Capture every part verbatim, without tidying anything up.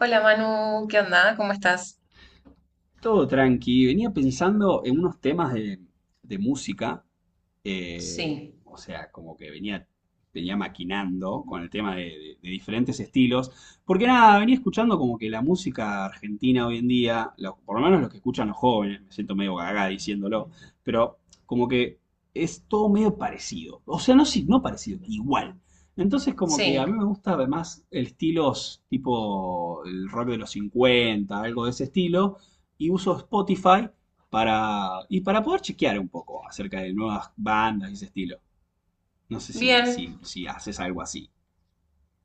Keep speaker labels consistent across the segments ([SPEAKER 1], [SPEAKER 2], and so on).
[SPEAKER 1] Hola Manu, ¿qué onda? ¿Cómo estás?
[SPEAKER 2] Todo tranqui. Venía pensando en unos temas de, de música. eh,
[SPEAKER 1] Sí,
[SPEAKER 2] o sea, como que venía, venía maquinando con el tema de, de- de diferentes estilos. Porque nada, venía escuchando como que la música argentina hoy en día, lo- por lo menos los que escuchan los jóvenes, me siento medio gaga diciéndolo, pero como que es todo medio parecido. O sea, no, sí, no parecido, igual. Entonces como que
[SPEAKER 1] sí,
[SPEAKER 2] a mí me gusta más el estilos tipo el rock de los cincuenta algo de ese estilo y uso Spotify para, y para poder chequear un poco acerca de nuevas bandas y ese estilo. No sé si,
[SPEAKER 1] bien.
[SPEAKER 2] si, si haces algo así.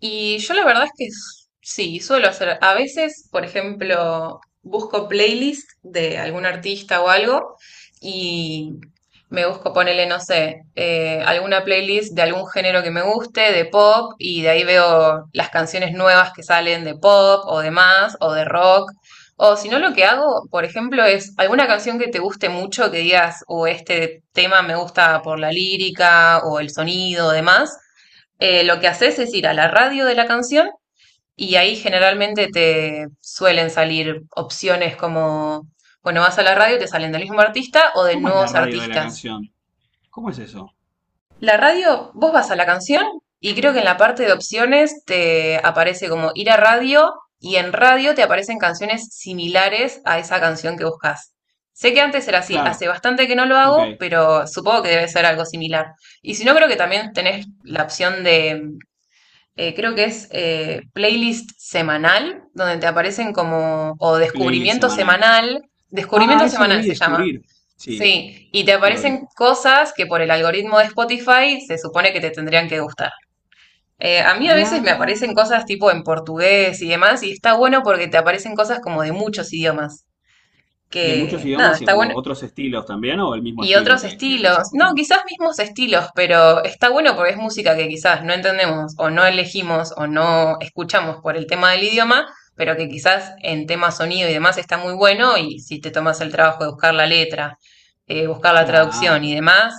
[SPEAKER 1] Y yo la verdad es que s- sí, suelo hacer. A veces, por ejemplo, busco playlist de algún artista o algo y me busco ponerle, no sé, eh, alguna playlist de algún género que me guste, de pop, y de ahí veo las canciones nuevas que salen de pop o de más o de rock. O si no, lo que hago, por ejemplo, es alguna canción que te guste mucho, que digas, o este tema me gusta por la lírica o el sonido o demás. Eh, lo que haces es ir a la radio de la canción y ahí generalmente te suelen salir opciones como, bueno, vas a la radio y te salen del mismo artista o de
[SPEAKER 2] ¿Cómo es la
[SPEAKER 1] nuevos
[SPEAKER 2] radio de la
[SPEAKER 1] artistas.
[SPEAKER 2] canción? ¿Cómo es eso?
[SPEAKER 1] La radio, vos vas a la canción y creo que en la parte de opciones te aparece como ir a radio y en radio te aparecen canciones similares a esa canción que buscas. Sé que antes era así, hace
[SPEAKER 2] Claro,
[SPEAKER 1] bastante que no lo
[SPEAKER 2] ok,
[SPEAKER 1] hago, pero supongo que debe ser algo similar. Y si no, creo que también tenés la opción de eh, creo que es eh, playlist semanal, donde te aparecen como, o
[SPEAKER 2] playlist
[SPEAKER 1] descubrimiento
[SPEAKER 2] semanal.
[SPEAKER 1] semanal,
[SPEAKER 2] Ah,
[SPEAKER 1] descubrimiento
[SPEAKER 2] eso lo
[SPEAKER 1] semanal
[SPEAKER 2] vi
[SPEAKER 1] se llama,
[SPEAKER 2] descubrir. Sí,
[SPEAKER 1] sí, y te
[SPEAKER 2] lo vi.
[SPEAKER 1] aparecen cosas que por el algoritmo de Spotify se supone que te tendrían que gustar. Eh, a mí a veces me aparecen
[SPEAKER 2] Ah,
[SPEAKER 1] cosas tipo en portugués y demás, y está bueno porque te aparecen cosas como de muchos idiomas,
[SPEAKER 2] de muchos
[SPEAKER 1] que nada,
[SPEAKER 2] idiomas y
[SPEAKER 1] está bueno,
[SPEAKER 2] como otros estilos también, o el mismo
[SPEAKER 1] y
[SPEAKER 2] estilo
[SPEAKER 1] otros
[SPEAKER 2] que, que venís
[SPEAKER 1] estilos, no,
[SPEAKER 2] escuchando.
[SPEAKER 1] quizás mismos estilos, pero está bueno porque es música que quizás no entendemos o no elegimos o no escuchamos por el tema del idioma, pero que quizás en tema sonido y demás está muy bueno y si te tomas el trabajo de buscar la letra, eh, buscar la traducción y
[SPEAKER 2] Claro.
[SPEAKER 1] demás,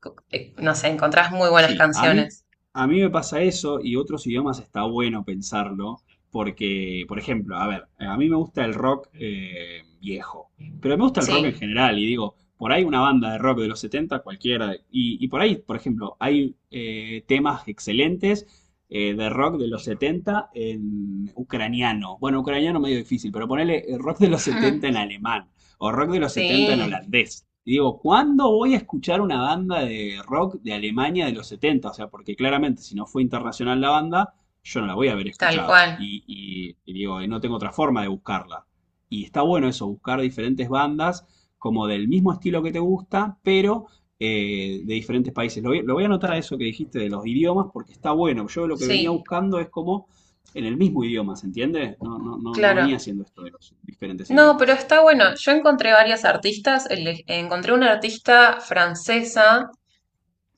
[SPEAKER 1] co- eh, no sé, encontrás muy buenas
[SPEAKER 2] Sí, a mí,
[SPEAKER 1] canciones.
[SPEAKER 2] a mí me pasa eso y otros idiomas está bueno pensarlo porque, por ejemplo, a ver, a mí me gusta el rock eh, viejo, pero me gusta el rock en
[SPEAKER 1] Sí,
[SPEAKER 2] general y digo, por ahí una banda de rock de los setenta cualquiera, y, y por ahí, por ejemplo, hay eh, temas excelentes eh, de rock de los setenta en ucraniano. Bueno, ucraniano medio difícil, pero ponele eh, rock de los setenta en alemán o rock de los setenta en
[SPEAKER 1] sí,
[SPEAKER 2] holandés. Y digo, ¿cuándo voy a escuchar una banda de rock de Alemania de los setenta? O sea, porque claramente si no fue internacional la banda, yo no la voy a haber
[SPEAKER 1] tal
[SPEAKER 2] escuchado.
[SPEAKER 1] cual,
[SPEAKER 2] Y, y- y digo, y no tengo otra forma de buscarla. Y está bueno eso, buscar diferentes bandas como del mismo estilo que te gusta, pero eh, de diferentes países. Lo voy, lo voy a anotar a eso que dijiste de los idiomas, porque está bueno. Yo lo que venía
[SPEAKER 1] sí,
[SPEAKER 2] buscando es como en el mismo idioma, ¿se entiende? No, no, no, no venía
[SPEAKER 1] claro.
[SPEAKER 2] haciendo esto de los diferentes
[SPEAKER 1] No, pero
[SPEAKER 2] idiomas.
[SPEAKER 1] está bueno. Yo encontré varias artistas. el- Encontré una artista francesa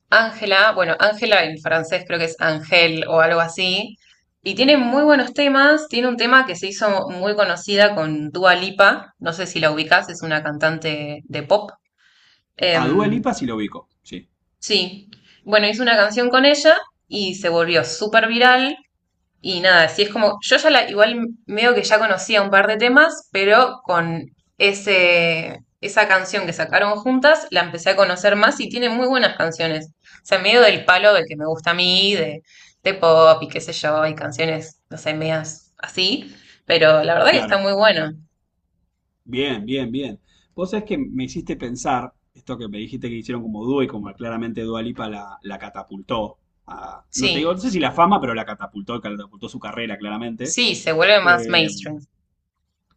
[SPEAKER 1] Ángela, bueno, Ángela en francés creo que es Ángel o algo así, y tiene muy buenos temas, tiene un tema que se hizo muy conocida con Dua Lipa, no sé si la ubicás, es una cantante de pop.
[SPEAKER 2] A Dua
[SPEAKER 1] Em,
[SPEAKER 2] Lipa sí lo ubico, sí,
[SPEAKER 1] sí, bueno, hizo una canción con ella y se volvió súper viral y nada, sí es como, yo ya la, igual veo que ya conocía un par de temas, pero con ese, esa canción que sacaron juntas, la empecé a conocer más y tiene muy buenas canciones. O sea, medio del palo del que me gusta a mí, de, de pop y qué sé yo, y canciones, no sé, medias así, pero la verdad que está
[SPEAKER 2] claro.
[SPEAKER 1] muy bueno.
[SPEAKER 2] Bien, bien, bien. Vos sabés que me hiciste pensar, esto que me dijiste que hicieron como dúo y como claramente Dua Lipa la, la catapultó, a- no te digo, no
[SPEAKER 1] Sí,
[SPEAKER 2] sé si la fama, pero la catapultó, catapultó su carrera claramente.
[SPEAKER 1] sí, se vuelve más
[SPEAKER 2] Eh,
[SPEAKER 1] mainstream.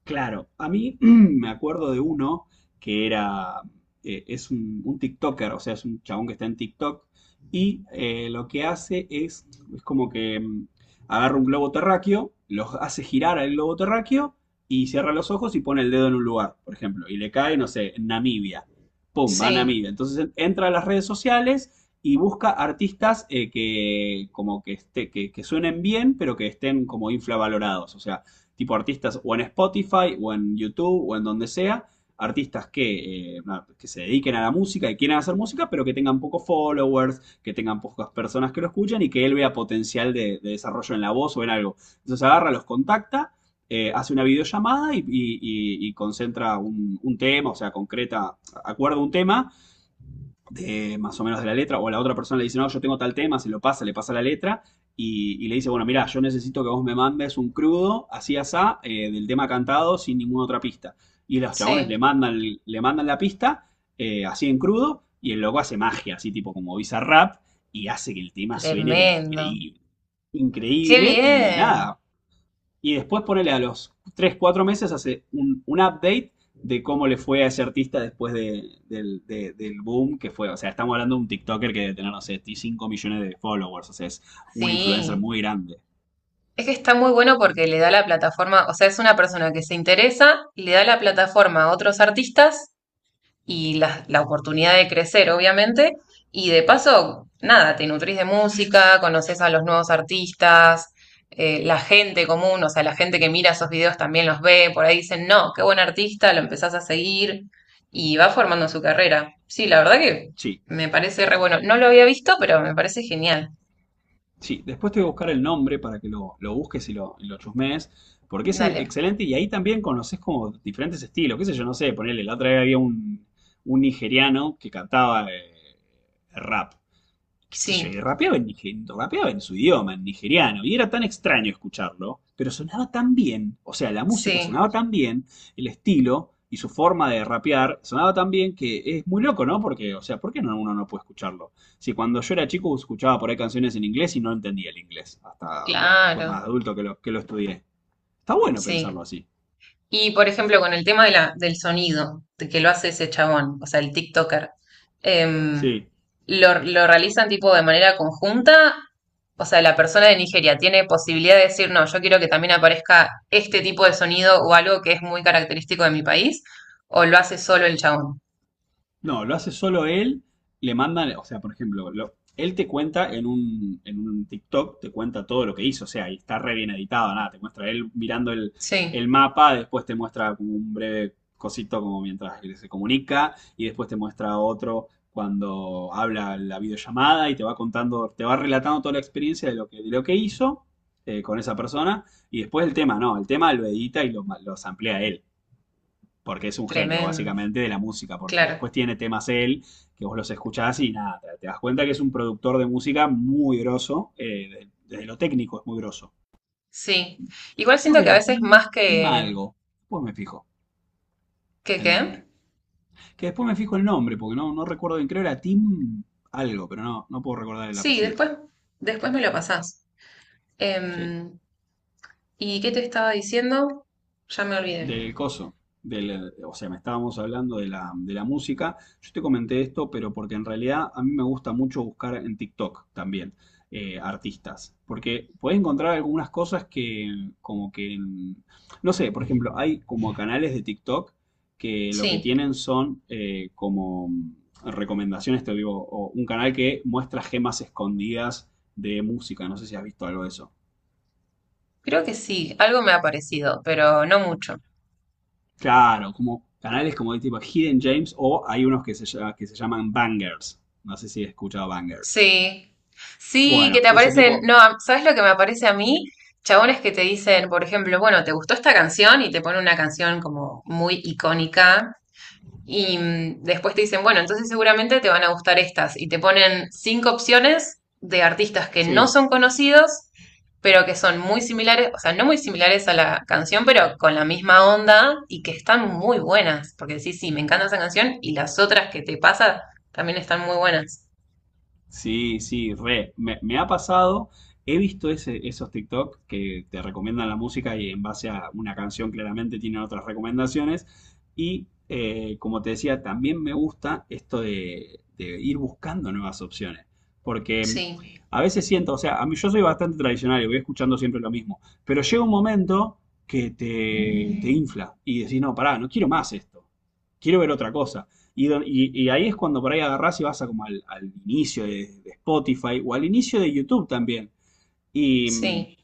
[SPEAKER 2] Claro, a mí me acuerdo de uno que era, eh, es un, un TikToker, o sea, es un chabón que está en TikTok y eh, lo que hace es, es como que mm, agarra un globo terráqueo, los hace girar al globo terráqueo y cierra los ojos y pone el dedo en un lugar, por ejemplo, y le cae, no sé, en Namibia. Pum, va a
[SPEAKER 1] Sí,
[SPEAKER 2] Namibia. Entonces entra a las redes sociales y busca artistas eh, que como que, esté, que, que suenen bien, pero que estén como infravalorados, o sea tipo artistas o en Spotify o en YouTube o en donde sea, artistas que, eh, que se dediquen a la música y quieran hacer música, pero que tengan pocos followers, que tengan pocas personas que lo escuchan y que él vea potencial de, de desarrollo en la voz o en algo. Entonces agarra, los contacta, eh, hace una videollamada y, y- y- y concentra un, un tema, o sea, concreta, acuerda un tema de más o menos de la letra, o la otra persona le dice, no, yo tengo tal tema, se lo pasa, le pasa la letra, y, y le dice, bueno, mira, yo necesito que vos me mandes un crudo, así asá, eh, del tema cantado, sin ninguna otra pista. Y los chabones
[SPEAKER 1] sí,
[SPEAKER 2] le mandan, le mandan la pista, eh, así en crudo, y el loco hace magia, así tipo como Bizarrap, y hace que el tema suene, pero
[SPEAKER 1] tremendo.
[SPEAKER 2] increíble.
[SPEAKER 1] Qué
[SPEAKER 2] Increíble, y
[SPEAKER 1] bien.
[SPEAKER 2] nada, y después ponele a los tres cuatro meses, hace un, un update de cómo le fue a ese artista después de- del, de- del boom que fue. O sea, estamos hablando de un TikToker que debe tener, no sé, cinco millones de followers. O sea, es un influencer
[SPEAKER 1] Sí.
[SPEAKER 2] muy grande.
[SPEAKER 1] Es que está muy bueno porque le da la plataforma, o sea, es una persona que se interesa y le da la plataforma a otros artistas y la, la oportunidad de crecer, obviamente. Y de paso, nada, te nutrís de música, conoces a los nuevos artistas, eh, la gente común, o sea, la gente que mira esos videos también los ve, por ahí dicen, no, qué buen artista, lo empezás a seguir y va formando su carrera. Sí, la verdad que
[SPEAKER 2] Sí,
[SPEAKER 1] me parece re bueno. No lo había visto, pero me parece genial.
[SPEAKER 2] sí. Después te voy a buscar el nombre para que lo, lo busques y lo, y lo chusmees. Porque es
[SPEAKER 1] Dale.
[SPEAKER 2] excelente y ahí también conoces como diferentes estilos. Qué sé yo, no sé, ponele, la otra vez había un, un nigeriano que cantaba eh, rap. Qué sé yo, y
[SPEAKER 1] Sí,
[SPEAKER 2] rapeaba en, nige- rapeaba en su idioma, en nigeriano, y era tan extraño escucharlo, pero sonaba tan bien, o sea, la música
[SPEAKER 1] sí,
[SPEAKER 2] sonaba tan bien, el estilo y su forma de rapear sonaba tan bien que es muy loco, ¿no? Porque, o sea, ¿por qué no, uno no puede escucharlo? Si cuando yo era chico escuchaba por ahí canciones en inglés y no entendía el inglés, hasta, bueno, después más
[SPEAKER 1] claro.
[SPEAKER 2] adulto que lo, que lo estudié. Está bueno
[SPEAKER 1] Sí.
[SPEAKER 2] pensarlo así.
[SPEAKER 1] Y por ejemplo, con el tema de la, del sonido, de que lo hace ese chabón, o sea, el TikToker, em,
[SPEAKER 2] Sí.
[SPEAKER 1] ¿lo, lo realizan tipo de manera conjunta? O sea, la persona de Nigeria tiene posibilidad de decir, no, yo quiero que también aparezca este tipo de sonido o algo que es muy característico de mi país, o lo hace solo el chabón.
[SPEAKER 2] No, lo hace solo él, le mandan, o sea, por ejemplo, lo- él te cuenta en un, en un TikTok, te cuenta todo lo que hizo, o sea, y está re bien editado, nada, te muestra él mirando el,
[SPEAKER 1] Sí,
[SPEAKER 2] el mapa, después te muestra como un breve cosito como mientras él se comunica, y después te muestra otro cuando habla la videollamada y te va contando, te va relatando toda la experiencia de lo que, de lo que hizo eh, con esa persona, y después el tema, no, el tema lo edita y lo, lo samplea él porque es un genio
[SPEAKER 1] tremendo.
[SPEAKER 2] básicamente de la música, porque
[SPEAKER 1] Claro,
[SPEAKER 2] después tiene temas él que vos los escuchás y nada, te, te das cuenta que es un productor de música muy groso, eh, desde lo técnico es muy grosso.
[SPEAKER 1] sí. Igual
[SPEAKER 2] Creo
[SPEAKER 1] siento
[SPEAKER 2] que
[SPEAKER 1] que a
[SPEAKER 2] era
[SPEAKER 1] veces más
[SPEAKER 2] Tim, Tim
[SPEAKER 1] que,
[SPEAKER 2] algo, después me fijo
[SPEAKER 1] que
[SPEAKER 2] el
[SPEAKER 1] qué.
[SPEAKER 2] nombre. Que después me fijo el nombre, porque no, no recuerdo bien, creo era Tim algo, pero no, no puedo recordar el
[SPEAKER 1] Sí,
[SPEAKER 2] apellido.
[SPEAKER 1] después, después me lo pasás.
[SPEAKER 2] Sí,
[SPEAKER 1] Em, ¿Y qué te estaba diciendo? Ya me olvidé.
[SPEAKER 2] del coso. Del, o sea, me estábamos hablando de la, de la música. Yo te comenté esto, pero porque en realidad a mí me gusta mucho buscar en TikTok también eh, artistas. Porque puedes encontrar algunas cosas que como que. en- No sé, por ejemplo, hay como canales de TikTok que lo que
[SPEAKER 1] Sí,
[SPEAKER 2] tienen son eh, como recomendaciones, te digo, o un canal que muestra gemas escondidas de música. No sé si has visto algo de eso.
[SPEAKER 1] creo que sí, algo me ha parecido, pero no mucho.
[SPEAKER 2] Claro, como canales como de tipo Hidden James o hay unos que se, llama- que se llaman Bangers. No sé si he escuchado Bangers.
[SPEAKER 1] Sí, sí, que
[SPEAKER 2] Bueno,
[SPEAKER 1] te
[SPEAKER 2] ese
[SPEAKER 1] aparecen,
[SPEAKER 2] tipo,
[SPEAKER 1] no, a- ¿sabes lo que me aparece a mí? Chabones que te dicen, por ejemplo, bueno, ¿te gustó esta canción? Y te pone una canción como muy icónica. Y mm, después te dicen, bueno, entonces seguramente te van a gustar estas. Y te ponen cinco opciones de artistas que no
[SPEAKER 2] sí,
[SPEAKER 1] son conocidos, pero que son muy similares, o sea, no muy similares a la canción, pero con la misma onda y que están muy buenas. Porque sí, sí, me encanta esa canción y las otras que te pasa también están muy buenas.
[SPEAKER 2] Sí, sí, re. Me, me ha pasado, he visto ese- esos TikTok que te recomiendan la música y en base a una canción claramente tienen otras recomendaciones. Y eh, como te decía, también me gusta esto de, de ir buscando nuevas opciones. Porque
[SPEAKER 1] Sí,
[SPEAKER 2] a veces siento, o sea, a mí yo soy bastante tradicional y voy escuchando siempre lo mismo. Pero llega un momento que te, te infla y decís, no, pará, no quiero más esto. Quiero ver otra cosa. Y, y- y ahí es cuando por ahí agarrás y vas a como al, al inicio de, de Spotify o al inicio de YouTube también. Y mm,
[SPEAKER 1] sí,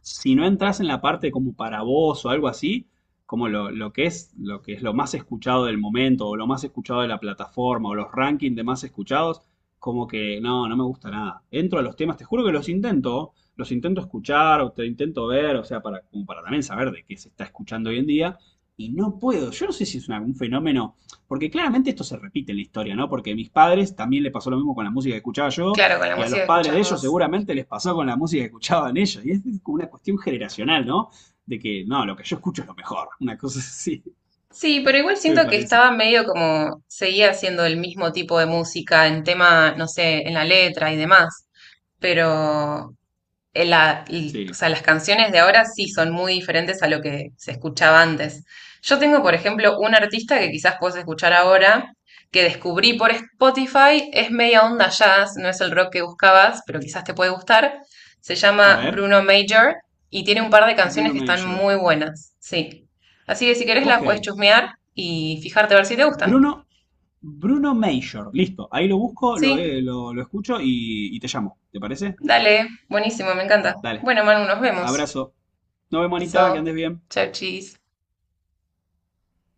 [SPEAKER 2] si no entras en la parte como para vos o algo así, como lo, lo que es, lo que es lo más escuchado del momento, o lo más escuchado de la plataforma, o los rankings de más escuchados, como que no, no me gusta nada. Entro a los temas, te juro que los intento, los intento escuchar, o te intento ver, o sea, para, como para también saber de qué se está escuchando hoy en día. Y no puedo, yo no sé si es una- un fenómeno, porque claramente esto se repite en la historia, ¿no? Porque a mis padres también le pasó lo mismo con la música que escuchaba yo,
[SPEAKER 1] claro, con la
[SPEAKER 2] y a
[SPEAKER 1] música
[SPEAKER 2] los
[SPEAKER 1] que
[SPEAKER 2] padres de
[SPEAKER 1] escuchás
[SPEAKER 2] ellos
[SPEAKER 1] vos.
[SPEAKER 2] seguramente les pasó con la música que escuchaban ellos. Y es como una cuestión generacional, ¿no? De que, no, lo que yo escucho es lo mejor. Una cosa así,
[SPEAKER 1] Sí, pero igual
[SPEAKER 2] me
[SPEAKER 1] siento que
[SPEAKER 2] parece.
[SPEAKER 1] estaba medio como seguía haciendo el mismo tipo de música en tema, no sé, en la letra y demás. Pero en la- y- o
[SPEAKER 2] Sí.
[SPEAKER 1] sea, las canciones de ahora sí son muy diferentes a lo que se escuchaba antes. Yo tengo, por ejemplo, un artista que quizás puedes escuchar ahora, que descubrí por Spotify, es media onda jazz, no es el rock que buscabas, pero quizás te puede gustar. Se
[SPEAKER 2] A
[SPEAKER 1] llama
[SPEAKER 2] ver,
[SPEAKER 1] Bruno Major y tiene un par de
[SPEAKER 2] Bruno
[SPEAKER 1] canciones que están
[SPEAKER 2] Major.
[SPEAKER 1] muy buenas, sí. Así que si querés la
[SPEAKER 2] Ok.
[SPEAKER 1] puedes chusmear y fijarte a ver si te gustan.
[SPEAKER 2] Bruno, Bruno Major. Listo. Ahí lo busco, lo,
[SPEAKER 1] Sí,
[SPEAKER 2] eh, lo, lo escucho y, y te llamo. ¿Te parece?
[SPEAKER 1] dale, buenísimo, me encanta.
[SPEAKER 2] Dale.
[SPEAKER 1] Bueno, Manu, nos vemos.
[SPEAKER 2] Abrazo. Nos vemos, Anita, que
[SPEAKER 1] Beso.
[SPEAKER 2] andes bien.
[SPEAKER 1] Chau, chis.